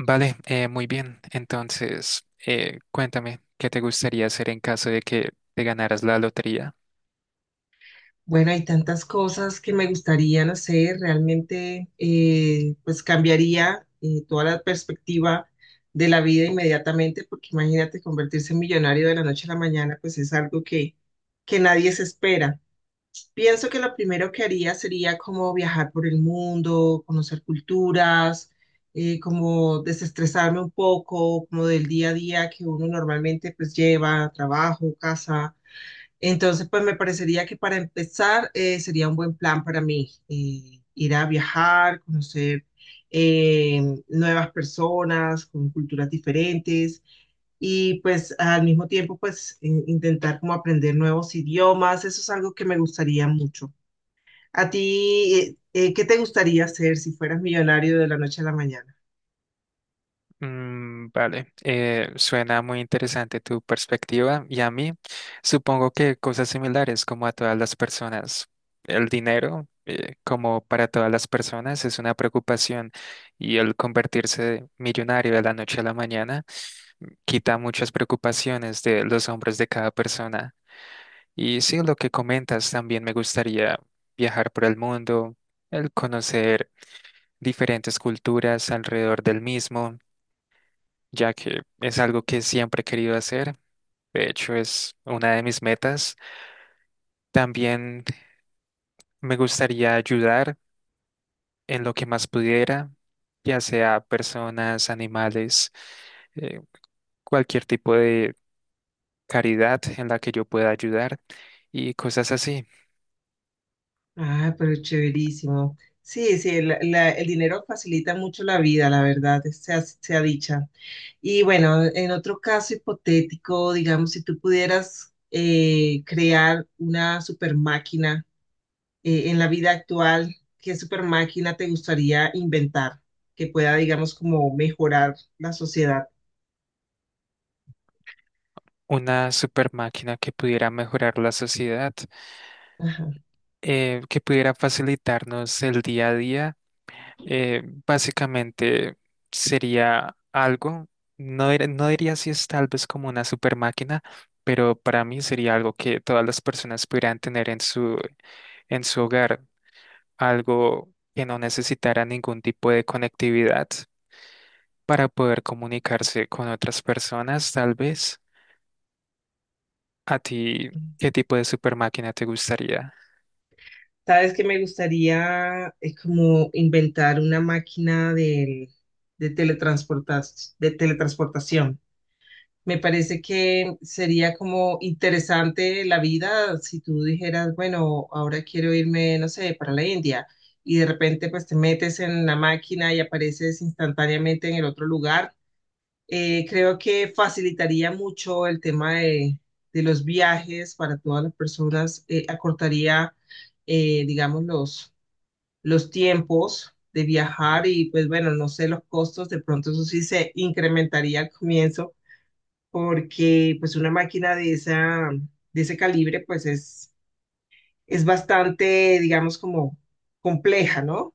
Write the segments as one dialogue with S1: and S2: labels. S1: Vale, muy bien. Entonces, cuéntame, ¿qué te gustaría hacer en caso de que te ganaras la lotería?
S2: Bueno, hay tantas cosas que me gustaría, no sé, realmente pues cambiaría toda la perspectiva de la vida inmediatamente, porque imagínate convertirse en millonario de la noche a la mañana, pues es algo que nadie se espera. Pienso que lo primero que haría sería como viajar por el mundo, conocer culturas, como desestresarme un poco, como del día a día que uno normalmente pues lleva, trabajo, casa entonces, pues me parecería que para empezar sería un buen plan para mí ir a viajar, conocer eh, nuevas personas con culturas diferentes y pues al mismo tiempo pues intentar como aprender nuevos idiomas. Eso es algo que me gustaría mucho. ¿A ti qué te gustaría hacer si fueras millonario de la noche a la mañana?
S1: Vale, suena muy interesante tu perspectiva y a mí supongo que cosas similares como a todas las personas. El dinero, como para todas las personas, es una preocupación y el convertirse millonario de la noche a la mañana quita muchas preocupaciones de los hombros de cada persona. Y sí, lo que comentas, también me gustaría viajar por el mundo, el conocer diferentes culturas alrededor del mismo, ya que es algo que siempre he querido hacer. De hecho, es una de mis metas. También me gustaría ayudar en lo que más pudiera, ya sea personas, animales, eh, cualquier tipo de caridad en la que yo pueda ayudar y cosas así.
S2: Ah, pero chéverísimo. Sí, sí, el dinero facilita mucho la vida, la verdad, sea dicha. Y bueno, en otro caso hipotético, digamos, si tú pudieras crear una super máquina en la vida actual, ¿qué super máquina te gustaría inventar que pueda, digamos, como mejorar la sociedad?
S1: Una super máquina que pudiera mejorar la sociedad.
S2: Ajá.
S1: Que pudiera facilitarnos el día a día, básicamente sería algo, no, no diría si es tal vez como una super máquina, pero para mí sería algo que todas las personas pudieran tener en en su hogar, algo que no necesitara ningún tipo de conectividad para poder comunicarse con otras personas, tal vez. ¿A ti qué tipo de super máquina te gustaría?
S2: Sabes que me gustaría como inventar una máquina de de teletransportación. Me parece que sería como interesante la vida si tú dijeras, bueno, ahora quiero irme, no sé, para la India y de repente pues te metes en la máquina y apareces instantáneamente en el otro lugar. Creo que facilitaría mucho el tema de los viajes para todas las personas, acortaría, digamos, los tiempos de viajar y pues bueno, no sé, los costos, de pronto eso sí se incrementaría al comienzo porque pues una máquina de de ese calibre pues es bastante, digamos, como compleja, ¿no?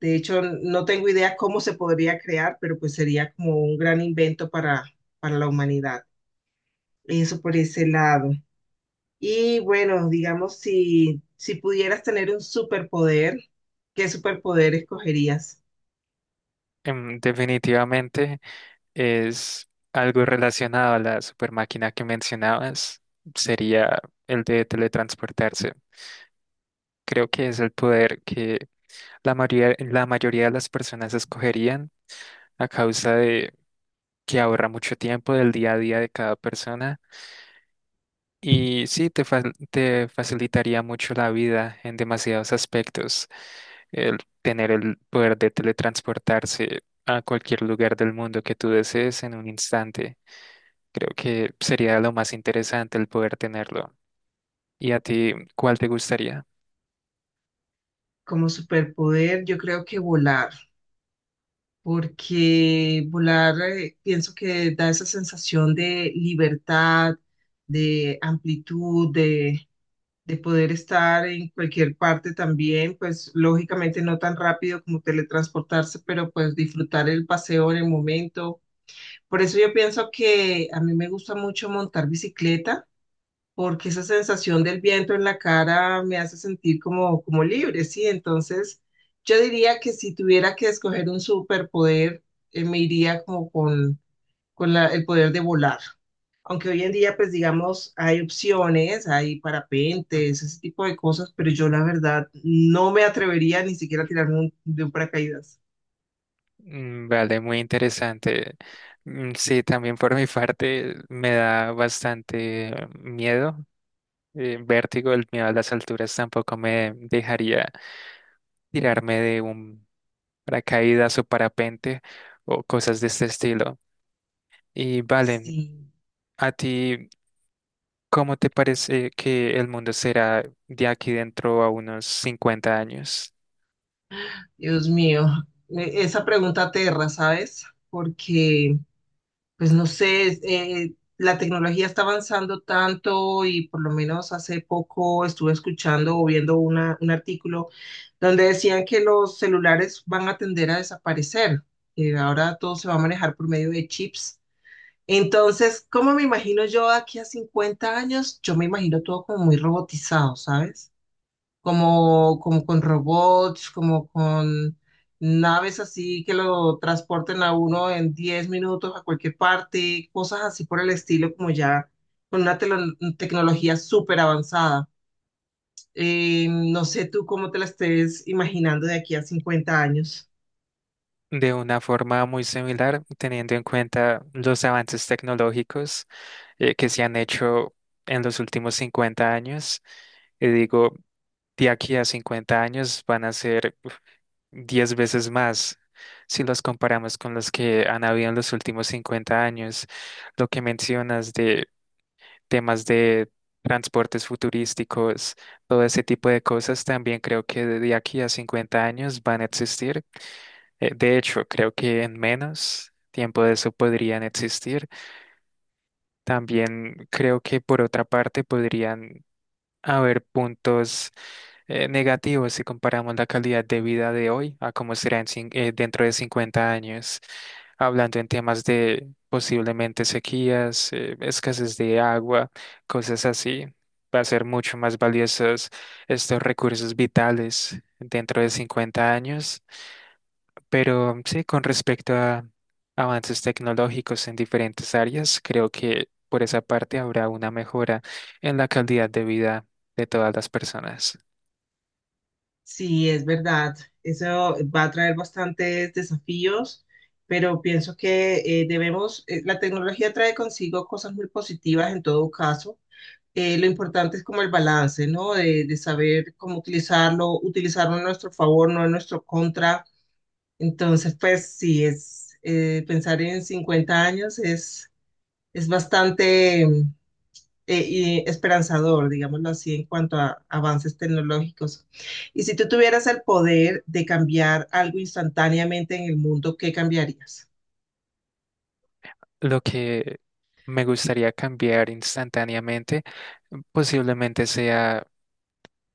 S2: De hecho, no tengo idea cómo se podría crear, pero pues sería como un gran invento para la humanidad. Eso por ese lado. Y bueno, digamos, si pudieras tener un superpoder, ¿qué superpoder escogerías?
S1: Definitivamente es algo relacionado a la super máquina que mencionabas, sería el de teletransportarse. Creo que es el poder que la mayoría de las personas escogerían a causa de que ahorra mucho tiempo del día a día de cada persona. Y sí, te facilitaría mucho la vida en demasiados aspectos. El tener el poder de teletransportarse a cualquier lugar del mundo que tú desees en un instante. Creo que sería lo más interesante el poder tenerlo. ¿Y a ti, cuál te gustaría?
S2: Como superpoder, yo creo que volar. Porque volar pienso que da esa sensación de libertad, de amplitud, de poder estar en cualquier parte también, pues lógicamente no tan rápido como teletransportarse, pero pues disfrutar el paseo en el momento. Por eso yo pienso que a mí me gusta mucho montar bicicleta porque esa sensación del viento en la cara me hace sentir como, como libre, ¿sí? Entonces, yo diría que si tuviera que escoger un superpoder, me iría como con el poder de volar. Aunque hoy en día, pues digamos, hay opciones, hay
S1: Ujú.
S2: parapentes, ese tipo de cosas, pero yo la verdad no me atrevería ni siquiera a tirarme de un paracaídas.
S1: Mm, vale, muy interesante. Mm, sí, también por mi parte me da bastante miedo, vértigo, el miedo a las alturas tampoco me dejaría tirarme de un paracaídas o parapente o cosas de este estilo. Y vale,
S2: Sí,
S1: ¿a ti cómo te parece que el mundo será de aquí dentro a unos 50 años?
S2: Dios mío, esa pregunta aterra, ¿sabes? Porque pues no sé, la tecnología está avanzando tanto y por lo menos hace poco estuve escuchando o viendo un artículo donde decían que los celulares van a tender a desaparecer, que ahora todo se va a manejar por medio de chips. Entonces, ¿cómo me imagino yo de aquí a 50 años? Yo me imagino todo como muy robotizado, ¿sabes? Como, como con robots, como con naves así que lo transporten a uno en 10 minutos a cualquier parte, cosas así por el estilo, como ya con una tecnología súper avanzada. No sé tú cómo te la estés imaginando de aquí a 50 años.
S1: De una forma muy similar, teniendo en cuenta los avances tecnológicos que se han hecho en los últimos 50 años. Y digo, de aquí a 50 años van a ser 10 veces más si los comparamos con los que han habido en los últimos 50 años. Lo que mencionas de temas de transportes futurísticos, todo ese tipo de cosas, también creo que de aquí a 50 años van a existir. De hecho, creo que en menos tiempo de eso podrían existir. También creo que por otra parte podrían haber puntos negativo si comparamos la calidad de vida de hoy a cómo será en dentro de 50 años, hablando en temas de posiblemente sequías, escasez de agua, cosas así. Va a ser mucho más valiosos estos recursos vitales dentro de 50 años. Pero sí, con respecto a avances tecnológicos en diferentes áreas, creo que por esa parte habrá una mejora en la calidad de vida de todas las personas.
S2: Sí, es verdad, eso va a traer bastantes desafíos. Pero pienso que la tecnología trae consigo cosas muy positivas en todo caso, lo importante es como el balance, ¿no? De saber cómo utilizarlo, utilizarlo a nuestro favor, no en nuestro contra. Entonces, pues sí, es pensar en 50 años es bastante y esperanzador, digámoslo así, en cuanto a avances tecnológicos. Y si tú tuvieras el poder de cambiar algo instantáneamente en el mundo, ¿qué cambiarías?
S1: Lo que me gustaría cambiar instantáneamente posiblemente sea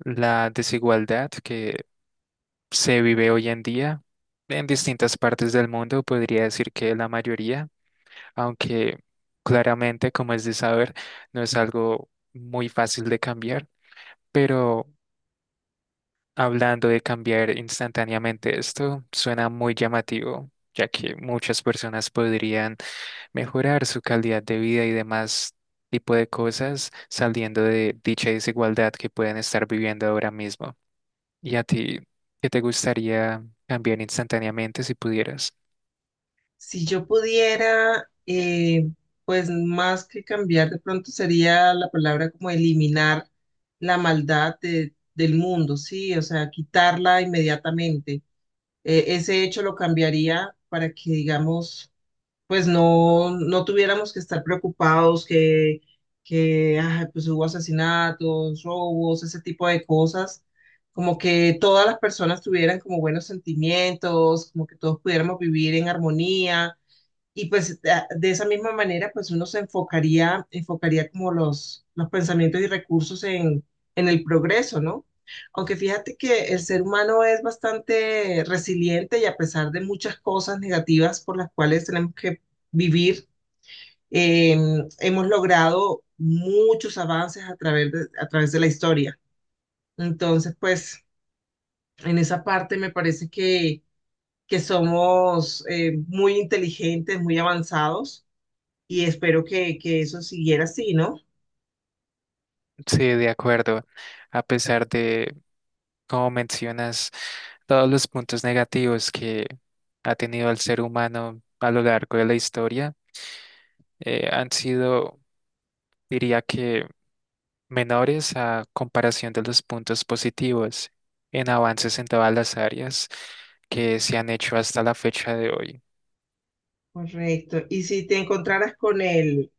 S1: la desigualdad que se vive hoy en día en distintas partes del mundo, podría decir que la mayoría, aunque claramente, como es de saber, no es algo muy fácil de cambiar, pero hablando de cambiar instantáneamente esto, suena muy llamativo, ya que muchas personas podrían mejorar su calidad de vida y demás tipo de cosas saliendo de dicha desigualdad que pueden estar viviendo ahora mismo. ¿Y a ti, qué te gustaría cambiar instantáneamente si pudieras?
S2: Si yo pudiera, pues más que cambiar, de pronto sería la palabra como eliminar la maldad del mundo, ¿sí? O sea, quitarla inmediatamente. Ese hecho lo cambiaría para que, digamos, pues no, no tuviéramos que estar preocupados que ay, pues hubo asesinatos, robos, ese tipo de cosas. Como que todas las personas tuvieran como buenos sentimientos, como que todos pudiéramos vivir en armonía y pues de esa misma manera, pues uno se enfocaría, enfocaría como los pensamientos y recursos en el progreso, ¿no? Aunque fíjate que el ser humano es bastante resiliente y a pesar de muchas cosas negativas por las cuales tenemos que vivir, eh, hemos logrado muchos avances a través de la historia. Entonces, pues en esa parte me parece que somos muy inteligentes, muy avanzados y espero que eso siguiera así, ¿no?
S1: Sí, de acuerdo. A pesar de, como mencionas, todos los puntos negativos que ha tenido el ser humano a lo largo de la historia, han sido, diría que, menores a comparación de los puntos positivos en avances en todas las áreas que se han hecho hasta la fecha de hoy.
S2: Correcto. Y si te encontraras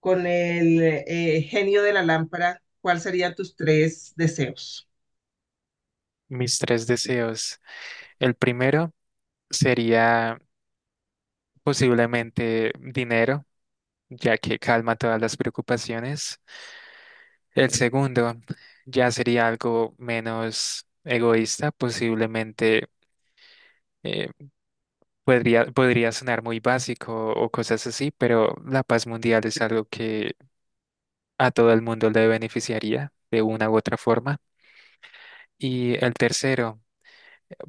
S2: con el genio de la lámpara, ¿cuáles serían tus tres deseos?
S1: Mis tres deseos. El primero sería posiblemente dinero, ya que calma todas las preocupaciones. El segundo ya sería algo menos egoísta, posiblemente. eh, podría sonar muy básico o cosas así, pero la paz mundial es algo que a todo el mundo le beneficiaría de una u otra forma. Y el tercero,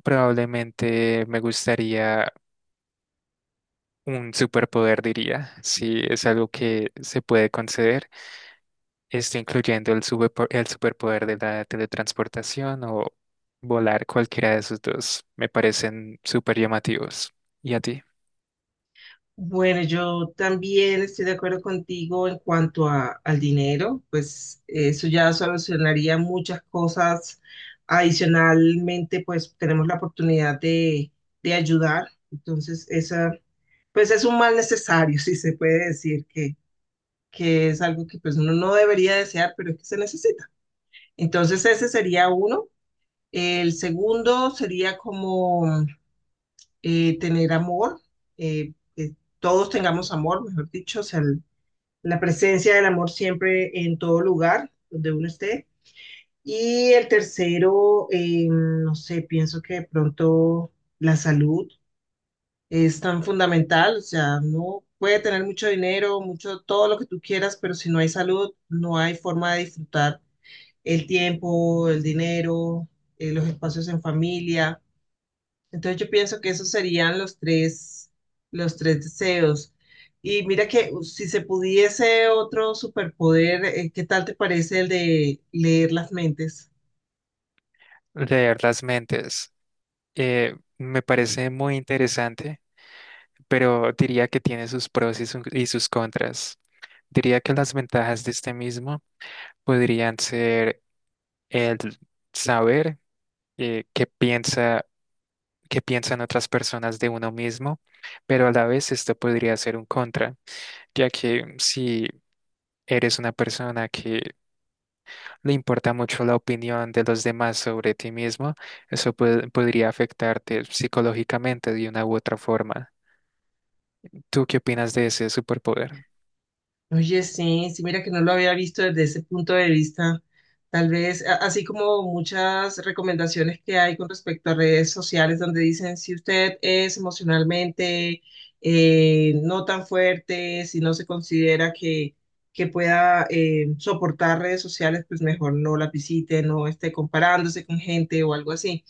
S1: probablemente me gustaría un superpoder, diría, si es algo que se puede conceder, esto incluyendo el superpoder de la teletransportación o volar, cualquiera de esos dos. Me parecen súper llamativos. ¿Y a ti?
S2: Bueno, yo también estoy de acuerdo contigo en cuanto al dinero, pues eso ya solucionaría muchas cosas. Adicionalmente, pues tenemos la oportunidad de ayudar. Entonces, esa, pues es un mal necesario, si se puede decir, que es algo que pues uno no debería desear, pero es que se necesita. Entonces ese sería uno. El segundo sería como tener amor, que todos tengamos amor, mejor dicho, o sea, la presencia del amor siempre en todo lugar donde uno esté. Y el tercero, no sé, pienso que de pronto la salud es tan fundamental, o sea, no puede tener mucho dinero, mucho, todo lo que tú quieras, pero si no hay salud, no hay forma de disfrutar el tiempo, el dinero, los espacios en familia. Entonces yo pienso que esos serían los tres deseos. Y mira que si se pudiese otro superpoder, ¿qué tal te parece el de leer las mentes?
S1: Leer las mentes. Me parece muy interesante, pero diría que tiene sus pros y sus contras. Diría que las ventajas de este mismo podrían ser el saber eh, qué piensa, qué piensan otras personas de uno mismo, pero a la vez esto podría ser un contra, ya que si eres una persona que le importa mucho la opinión de los demás sobre ti mismo, eso podría afectarte psicológicamente de una u otra forma. ¿Tú qué opinas de ese superpoder?
S2: Oye, sí, sí, mira que no lo había visto desde ese punto de vista. Tal vez, así como muchas recomendaciones que hay con respecto a redes sociales donde dicen si usted es emocionalmente no tan fuerte, si no se considera que pueda soportar redes sociales, pues mejor no la visite, no esté comparándose con gente o algo así.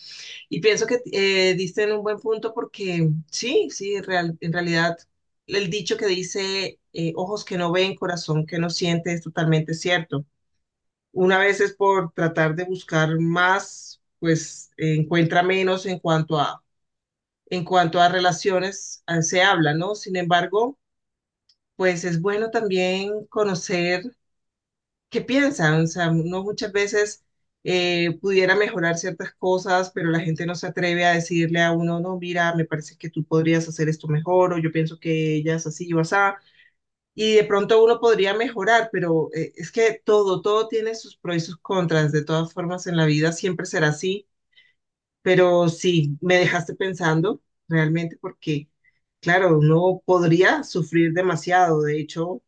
S2: Y pienso que diste en un buen punto porque sí, sí, en realidad el dicho que dice ojos que no ven, corazón que no siente es totalmente cierto. Una vez es por tratar de buscar más, pues encuentra menos en cuanto a relaciones se habla, ¿no? Sin embargo, pues es bueno también conocer qué piensan. O sea, uno muchas veces pudiera mejorar ciertas cosas, pero la gente no se atreve a decirle a uno, no, mira, me parece que tú podrías hacer esto mejor, o yo pienso que ella es así o así. Y de pronto uno podría mejorar, pero es que todo tiene sus pros y sus contras. De todas formas, en la vida siempre será así. Pero sí, me dejaste pensando realmente porque, claro, uno podría sufrir demasiado. De hecho,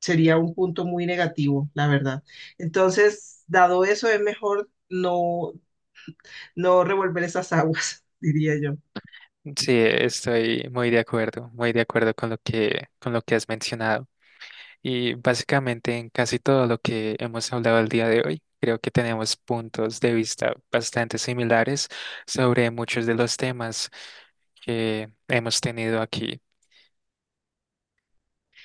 S2: sería un punto muy negativo, la verdad. Entonces, dado eso, es mejor no, no revolver esas aguas, diría yo.
S1: Sí, estoy muy de acuerdo con lo que has mencionado. Y básicamente en casi todo lo que hemos hablado el día de hoy, creo que tenemos puntos de vista bastante similares sobre muchos de los temas que hemos tenido aquí.